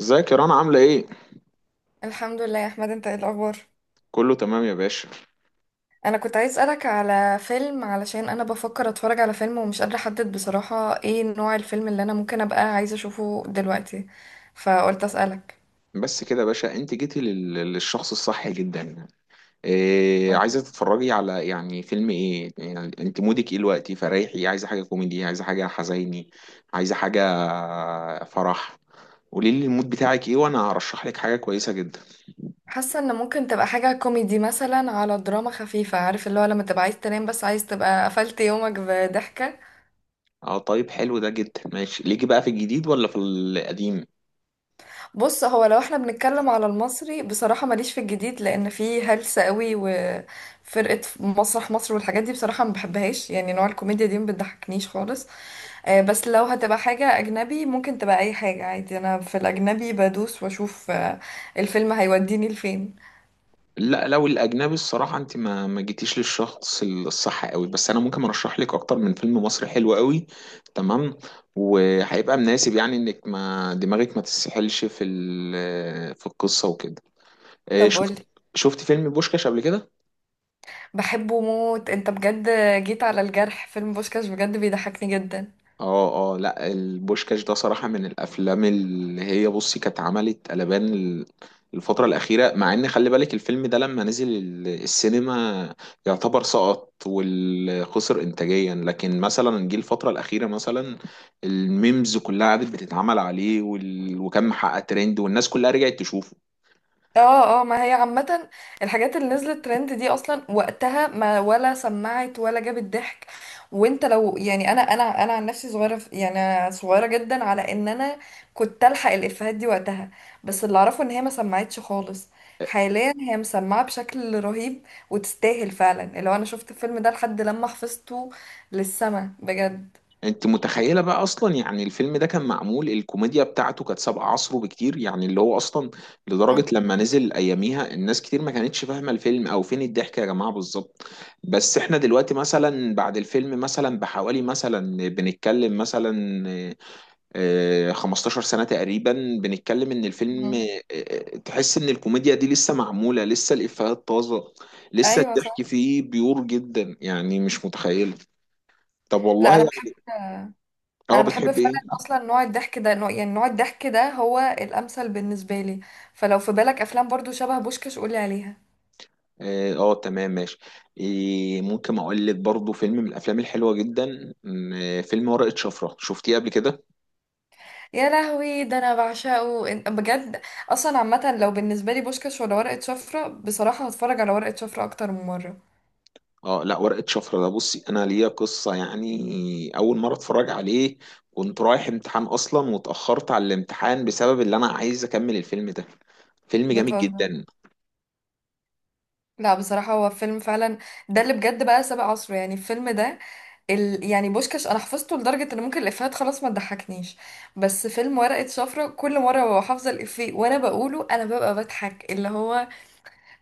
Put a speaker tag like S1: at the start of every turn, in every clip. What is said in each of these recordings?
S1: ازيك يا رنا عاملة ايه؟
S2: الحمد لله يا احمد، انت ايه الاخبار؟
S1: كله تمام يا باشا.
S2: انا كنت عايز اسالك على فيلم، علشان انا بفكر اتفرج على فيلم ومش قادره احدد بصراحه ايه نوع الفيلم اللي انا ممكن ابقى عايزه اشوفه دلوقتي، فقلت اسالك.
S1: بس كده يا باشا، انت جيتي للشخص الصح جدا. إيه
S2: قول.
S1: عايزة تتفرجي على يعني فيلم ايه؟ يعني انت مودك ايه دلوقتي؟ فريحي، عايزة حاجة كوميدي، عايزة حاجة حزيني، عايزة حاجة فرح. قولي لي المود بتاعك ايه وانا هرشح لك حاجة كويسة جدا.
S2: حاسه ان ممكن تبقى حاجه كوميدي مثلا، على دراما خفيفه، عارف اللي هو لما تبقى عايز تنام بس عايز تبقى قفلت يومك بضحكه.
S1: اه طيب، حلو ده جدا. ماشي ليكي بقى في الجديد ولا في القديم؟
S2: بص، هو لو احنا بنتكلم على المصري بصراحه ماليش في الجديد، لان فيه هلس قوي وفرقه مسرح مصر والحاجات دي بصراحه ما بحبهاش، يعني نوع الكوميديا دي ما بتضحكنيش خالص. بس لو هتبقى حاجة أجنبي ممكن تبقى أي حاجة عادي، أنا في الأجنبي بدوس وأشوف الفيلم هيوديني لفين.
S1: لا لو الاجنبي الصراحه، انت ما جيتيش للشخص الصح قوي، بس انا ممكن ارشح لك اكتر من فيلم مصري حلو قوي. تمام، وهيبقى مناسب، يعني انك ما دماغك ما تسحلش في القصه وكده.
S2: طب
S1: شفت،
S2: قولي.
S1: شفت فيلم بوشكاش قبل كده؟
S2: بحبه موت أنت بجد. جيت على الجرح، فيلم بوشكاش بجد بيضحكني جدا.
S1: اه اه، لا البوشكاش ده صراحة من الافلام اللي هي، بصي، كانت عملت قلبان الفترة الأخيرة، مع إن خلي بالك الفيلم ده لما نزل السينما يعتبر سقط وخسر إنتاجيا، لكن مثلا جه الفترة الأخيرة مثلا الميمز كلها قعدت بتتعمل عليه، وكان محقق ترند والناس كلها رجعت تشوفه.
S2: اه، اه، ما هي عامة الحاجات اللي نزلت ترند دي اصلا وقتها ما ولا سمعت ولا جابت ضحك. وانت لو يعني انا عن نفسي صغيرة يعني أنا صغيرة جدا على ان انا كنت الحق الافيهات دي وقتها. بس اللي اعرفه ان هي ما سمعتش خالص، حاليا هي مسمعة بشكل رهيب، وتستاهل فعلا. اللي هو انا شفت الفيلم ده لحد لما حفظته للسما بجد.
S1: انت متخيله بقى اصلا؟ يعني الفيلم ده كان معمول، الكوميديا بتاعته كانت سابقه عصره بكتير، يعني اللي هو اصلا لدرجه
S2: آه.
S1: لما نزل اياميها الناس كتير ما كانتش فاهمه الفيلم او فين الضحك يا جماعه بالظبط. بس احنا دلوقتي مثلا بعد الفيلم مثلا بحوالي مثلا، بنتكلم مثلا 15 سنه تقريبا، بنتكلم ان الفيلم
S2: مم.
S1: تحس ان الكوميديا دي لسه معموله، لسه الافيهات طازه، لسه
S2: ايوه
S1: الضحك
S2: صح.
S1: فيه بيور جدا. يعني مش متخيله. طب والله
S2: لا، انا
S1: يعني،
S2: بحب.
S1: اه
S2: انا بحب
S1: بتحب ايه؟
S2: فعلا اصلا نوع الضحك ده، نوع، يعني نوع الضحك ده هو الامثل بالنسبه لي. فلو في بالك افلام برضو شبه بوشكاش قولي عليها.
S1: اه تمام ماشي. إيه، ممكن اقول لك برضو فيلم من الافلام الحلوه جدا، م، آه، فيلم ورقه شفره، شفتيه قبل كده؟
S2: يا لهوي، ده انا بعشقه بجد. اصلا عامه لو بالنسبه لي بوشكاش ولا ورقه شفره، بصراحه هتفرج على ورقه شفره اكتر من مره.
S1: اه، لا ورقه شفره ده بصي، انا ليا قصه. يعني اول مره اتفرج عليه كنت رايح امتحان اصلا، واتاخرت على الامتحان بسبب اللي انا عايز اكمل الفيلم ده. فيلم جامد
S2: بتهزر.
S1: جدا.
S2: لا بصراحه هو فيلم فعلا، ده اللي بجد بقى سابق عصره يعني الفيلم ده. يعني بوشكاش انا حفظته لدرجه ان ممكن الافيهات خلاص ما تضحكنيش، بس فيلم ورقه شفره كل مره ببقى حافظه الافيه وانا بقوله، انا ببقى بضحك. اللي هو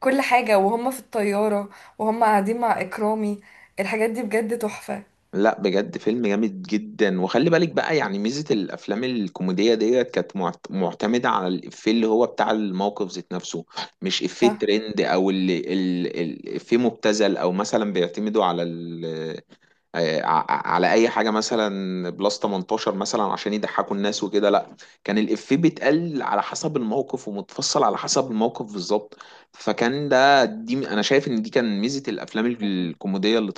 S2: كل حاجة، وهم في الطيارة، وهم قاعدين مع إكرامي، الحاجات دي بجد تحفة.
S1: لا بجد، فيلم جامد جدا. وخلي بالك بقى، يعني ميزة الأفلام الكوميدية ديت كانت معتمدة على الإفيه اللي هو بتاع الموقف ذات نفسه، مش إفيه
S2: صح،
S1: ترند أو اللي إفيه مبتذل، أو مثلا بيعتمدوا على آه، ع- على أي حاجة مثلا بلس 18 مثلا عشان يضحكوا الناس وكده. لا، كان الإفيه بيتقال على حسب الموقف ومتفصل على حسب الموقف بالظبط. فكان ده، دي أنا شايف إن دي كان ميزة الأفلام الكوميدية اللي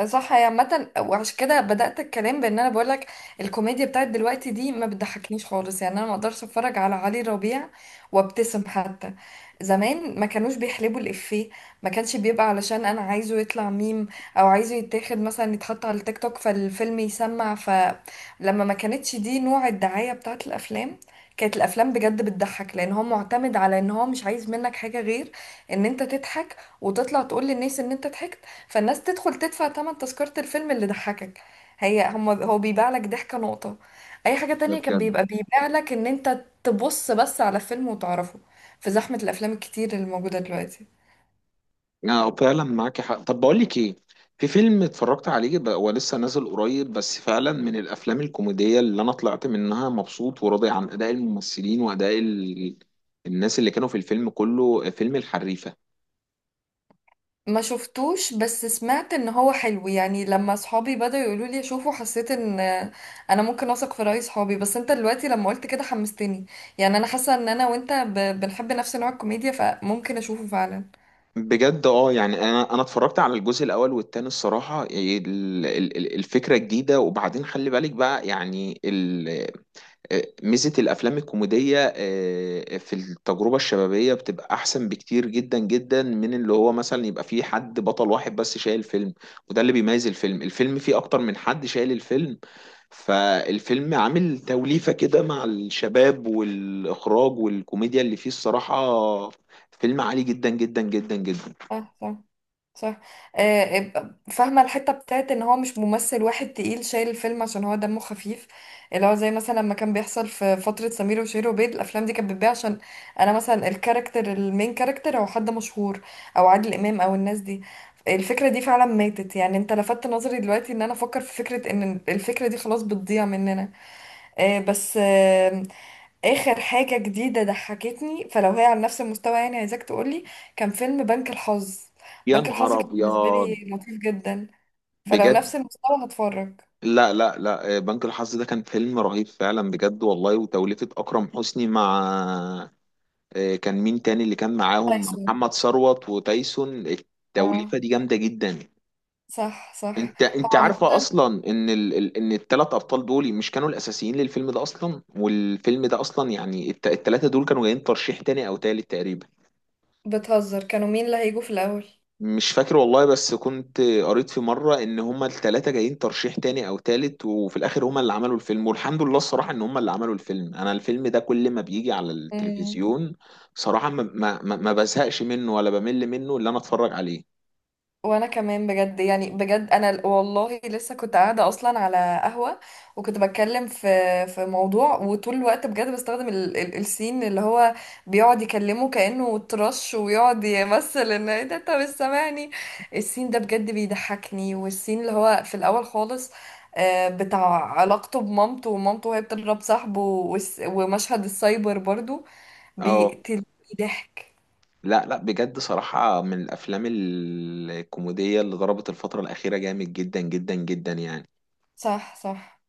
S2: صح. هي عامة وعشان كده بدأت الكلام بان انا بقولك الكوميديا بتاعت دلوقتي دي ما بتضحكنيش خالص، يعني انا ما اقدرش اتفرج على علي ربيع وابتسم حتى. زمان ما كانوش بيحلبوا الإفيه، ما كانش بيبقى علشان انا عايزه يطلع ميم او عايزه يتاخد مثلا يتحط على التيك توك فالفيلم يسمع، فلما ما كانتش دي نوع الدعاية بتاعت الافلام. كانت الافلام بجد بتضحك لان هو معتمد على ان هو مش عايز منك حاجة غير ان انت تضحك وتطلع تقول للناس ان انت ضحكت، فالناس تدخل تدفع تمن تذكرة الفيلم اللي ضحكك. هي هم هو بيبيع لك ضحكة نقطة. أي حاجة تانية
S1: طلعت.
S2: كان بيبقى بيبيع لك إن أنت تبص بس على فيلم وتعرفه في زحمة الأفلام الكتير اللي موجودة دلوقتي.
S1: اه فعلا معاك حق. طب بقول لك ايه، في فيلم اتفرجت عليه بقى، هو لسه نازل قريب، بس فعلا من الافلام الكوميديه اللي انا طلعت منها مبسوط وراضي عن اداء الممثلين واداء الناس اللي كانوا في الفيلم كله، فيلم الحريفه.
S2: ما شفتوش بس سمعت إن هو حلو، يعني لما صحابي بدأوا يقولوا لي أشوفه حسيت إن أنا ممكن أثق في رأي صحابي، بس أنت دلوقتي لما قلت كده حمستني. يعني أنا حاسة إن أنا وأنت بنحب نفس نوع الكوميديا، فممكن أشوفه فعلا.
S1: بجد اه، يعني انا اتفرجت على الجزء الاول والتاني، الصراحه الفكره جديده، وبعدين خلي بالك بقى يعني ميزة الأفلام الكوميدية في التجربة الشبابية بتبقى أحسن بكتير جدا جدا من اللي هو مثلا يبقى فيه حد بطل واحد بس شايل فيلم، وده اللي بيميز الفيلم. الفيلم فيه أكتر من حد شايل الفيلم، فالفيلم عامل توليفة كده مع الشباب والإخراج والكوميديا اللي فيه، الصراحة فيلم عالي جدا جدا جدا جدا.
S2: صح، صح، صح. فاهمة الحتة بتاعت ان هو مش ممثل واحد تقيل شايل الفيلم عشان هو دمه خفيف. اللي هو زي مثلا لما كان بيحصل في فترة سمير وشهير وبير الافلام دي كانت بتبيع عشان انا مثلا الكاركتر المين كاركتر هو حد مشهور، او عادل امام، او الناس دي. الفكرة دي فعلا ماتت، يعني انت لفتت نظري دلوقتي ان انا افكر في فكرة ان الفكرة دي خلاص بتضيع مننا. بس اخر حاجة جديدة ضحكتني، فلو هي على نفس المستوى يعني عايزاك تقولي. كان فيلم بنك الحظ.
S1: يا
S2: بنك الحظ
S1: نهار
S2: كان بالنسبة
S1: أبيض!
S2: لي لطيف جدا، فلو
S1: بجد،
S2: نفس المستوى هتفرج.
S1: لا لا لا، بنك الحظ ده كان فيلم رهيب فعلا بجد والله. وتوليفة أكرم حسني مع كان مين تاني اللي كان معاهم،
S2: تايسون.
S1: محمد ثروت وتايسون،
S2: اه.
S1: التوليفه دي جامده جدا.
S2: صح، صح.
S1: انت
S2: هو
S1: انت عارفه
S2: عامة.
S1: اصلا ان ان الثلاث ابطال دول مش كانوا الاساسيين للفيلم ده اصلا؟ والفيلم ده اصلا، يعني الثلاثه دول كانوا جايين ترشيح تاني او تالت تقريبا.
S2: بتهزر، كانوا مين اللي هيجوا في الأول؟
S1: مش فاكر والله، بس كنت قريت في مرة ان هما التلاتة جايين ترشيح تاني او تالت، وفي الاخر هما اللي عملوا الفيلم. والحمد لله الصراحة ان هما اللي عملوا الفيلم. انا الفيلم ده كل ما بيجي على التلفزيون، صراحة ما بزهقش منه ولا بمل منه اللي انا اتفرج عليه.
S2: وانا كمان بجد، يعني بجد انا والله لسه كنت قاعده اصلا على قهوه، وكنت بتكلم في موضوع، وطول الوقت بجد بستخدم ال السين اللي هو بيقعد يكلمه كانه ترش ويقعد يمثل ان ايه ده انت مش سامعني. السين ده بجد بيضحكني، والسين اللي هو في الاول خالص، بتاع علاقته بمامته ومامته وهي بتضرب صاحبه، ومشهد السايبر برضو
S1: اه.
S2: بيقتل ضحك.
S1: لا لا بجد، صراحة من الافلام الكوميدية اللي ضربت الفترة الاخيرة جامد جدا جدا جدا يعني.
S2: صح، صح.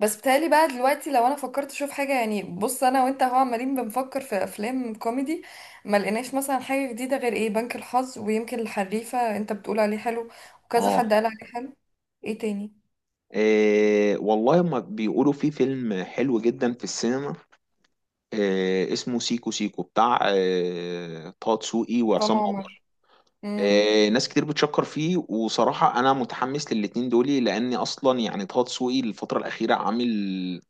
S2: بس بتهيألي بقى دلوقتي لو انا فكرت اشوف حاجه، يعني بص انا وانت هو عمالين بنفكر في افلام كوميدي ما لقيناش مثلا حاجه جديده غير ايه بنك الحظ ويمكن الحريفه انت بتقول عليه حلو وكذا
S1: اه.
S2: حد قال عليه حلو. ايه تاني؟
S1: إيه والله، ما بيقولوا في فيلم حلو جدا في السينما، اسمه سيكو سيكو، بتاع طه دسوقي
S2: عصام
S1: وعصام
S2: عمر.
S1: عمر.
S2: امم.
S1: ناس كتير بتشكر فيه. وصراحة أنا متحمس للاتنين دولي، لأني أصلا يعني طه دسوقي الفترة الأخيرة عامل،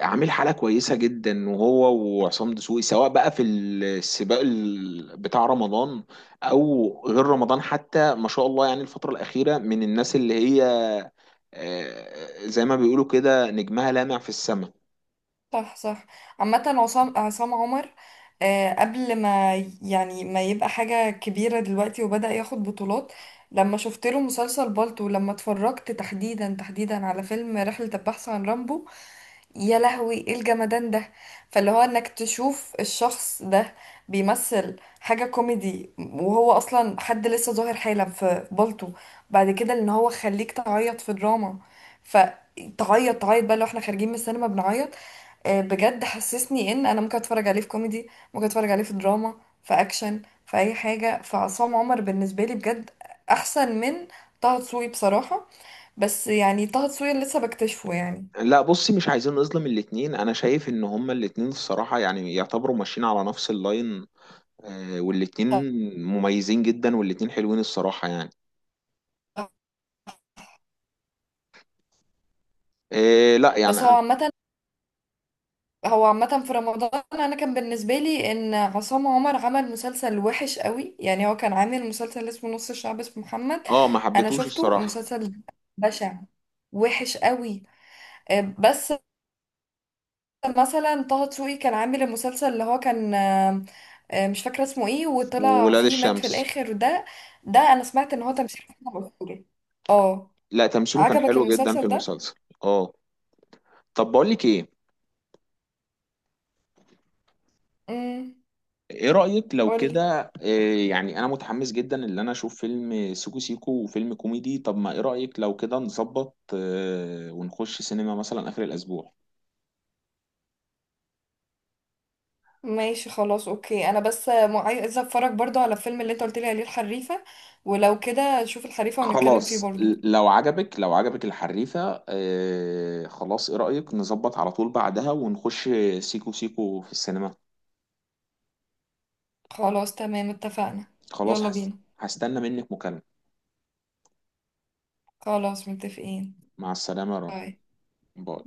S1: عامل حالة كويسة جدا. وهو وعصام دسوقي، سواء بقى في السباق بتاع رمضان أو غير رمضان حتى، ما شاء الله. يعني الفترة الأخيرة من الناس اللي هي زي ما بيقولوا كده نجمها لامع في السماء.
S2: صح، صح، عامه عصام عمر. قبل ما يعني ما يبقى حاجه كبيره دلوقتي وبدأ ياخد بطولات، لما شفت له مسلسل بالطو، لما اتفرجت تحديدا تحديدا على فيلم رحله البحث عن رامبو، يا لهوي ايه الجمدان ده. فاللي هو انك تشوف الشخص ده بيمثل حاجة كوميدي وهو اصلا حد لسه ظاهر حالا في بلطو، بعد كده ان هو خليك تعيط في دراما، فتعيط تعيط بقى لو احنا خارجين من السينما بنعيط. بجد حسسني ان انا ممكن اتفرج عليه في كوميدي، ممكن اتفرج عليه في دراما، في اكشن، في اي حاجة. فعصام عمر بالنسبة لي بجد احسن من طه دسوقي بصراحة، بس يعني طه دسوقي لسه بكتشفه يعني.
S1: لا بصي، مش عايزين نظلم الاتنين. انا شايف ان هما الاتنين الصراحة يعني يعتبروا ماشيين على نفس اللاين. والاتنين مميزين جدا، والاتنين حلوين الصراحة. يعني آه، لا
S2: بس
S1: يعني
S2: هو
S1: أنا-
S2: عامة هو عامة في رمضان انا كان بالنسبة لي ان عصام عمر عمل مسلسل وحش قوي، يعني هو كان عامل مسلسل اسمه نص الشعب اسمه محمد.
S1: اه ما
S2: انا
S1: حبيتهوش
S2: شفته
S1: الصراحة.
S2: مسلسل بشع، وحش قوي. بس مثلا طه دسوقي كان عامل المسلسل اللي هو كان مش فاكرة اسمه ايه، وطلع
S1: وولاد
S2: فيه مات في
S1: الشمس،
S2: الاخر ده. ده انا سمعت ان هو تمثيل أسطوري. اه.
S1: لا تمثيله كان
S2: عجبك
S1: حلو جدا في
S2: المسلسل ده؟
S1: المسلسل. اه. طب بقول لك ايه،
S2: امم.
S1: ايه رأيك لو
S2: قولي.
S1: كده، يعني انا متحمس جدا ان انا اشوف فيلم سيكو سيكو وفيلم كوميدي. طب ما ايه رأيك لو كده نظبط، ونخش سينما مثلا اخر الاسبوع؟
S2: ماشي خلاص اوكي، انا بس عايزه اتفرج برضو على الفيلم اللي انت قلت لي عليه الحريفه، ولو كده نشوف الحريفه ونتكلم فيه
S1: خلاص،
S2: برضو.
S1: لو عجبك، لو عجبك الحريفة، آه خلاص، ايه رأيك نظبط على طول بعدها ونخش سيكو سيكو في السينما؟
S2: خلاص تمام اتفقنا.
S1: خلاص.
S2: يلا
S1: هست-
S2: بينا.
S1: هستنى منك مكالمة.
S2: خلاص متفقين.
S1: مع السلامة يا رنا.
S2: باي.
S1: باي.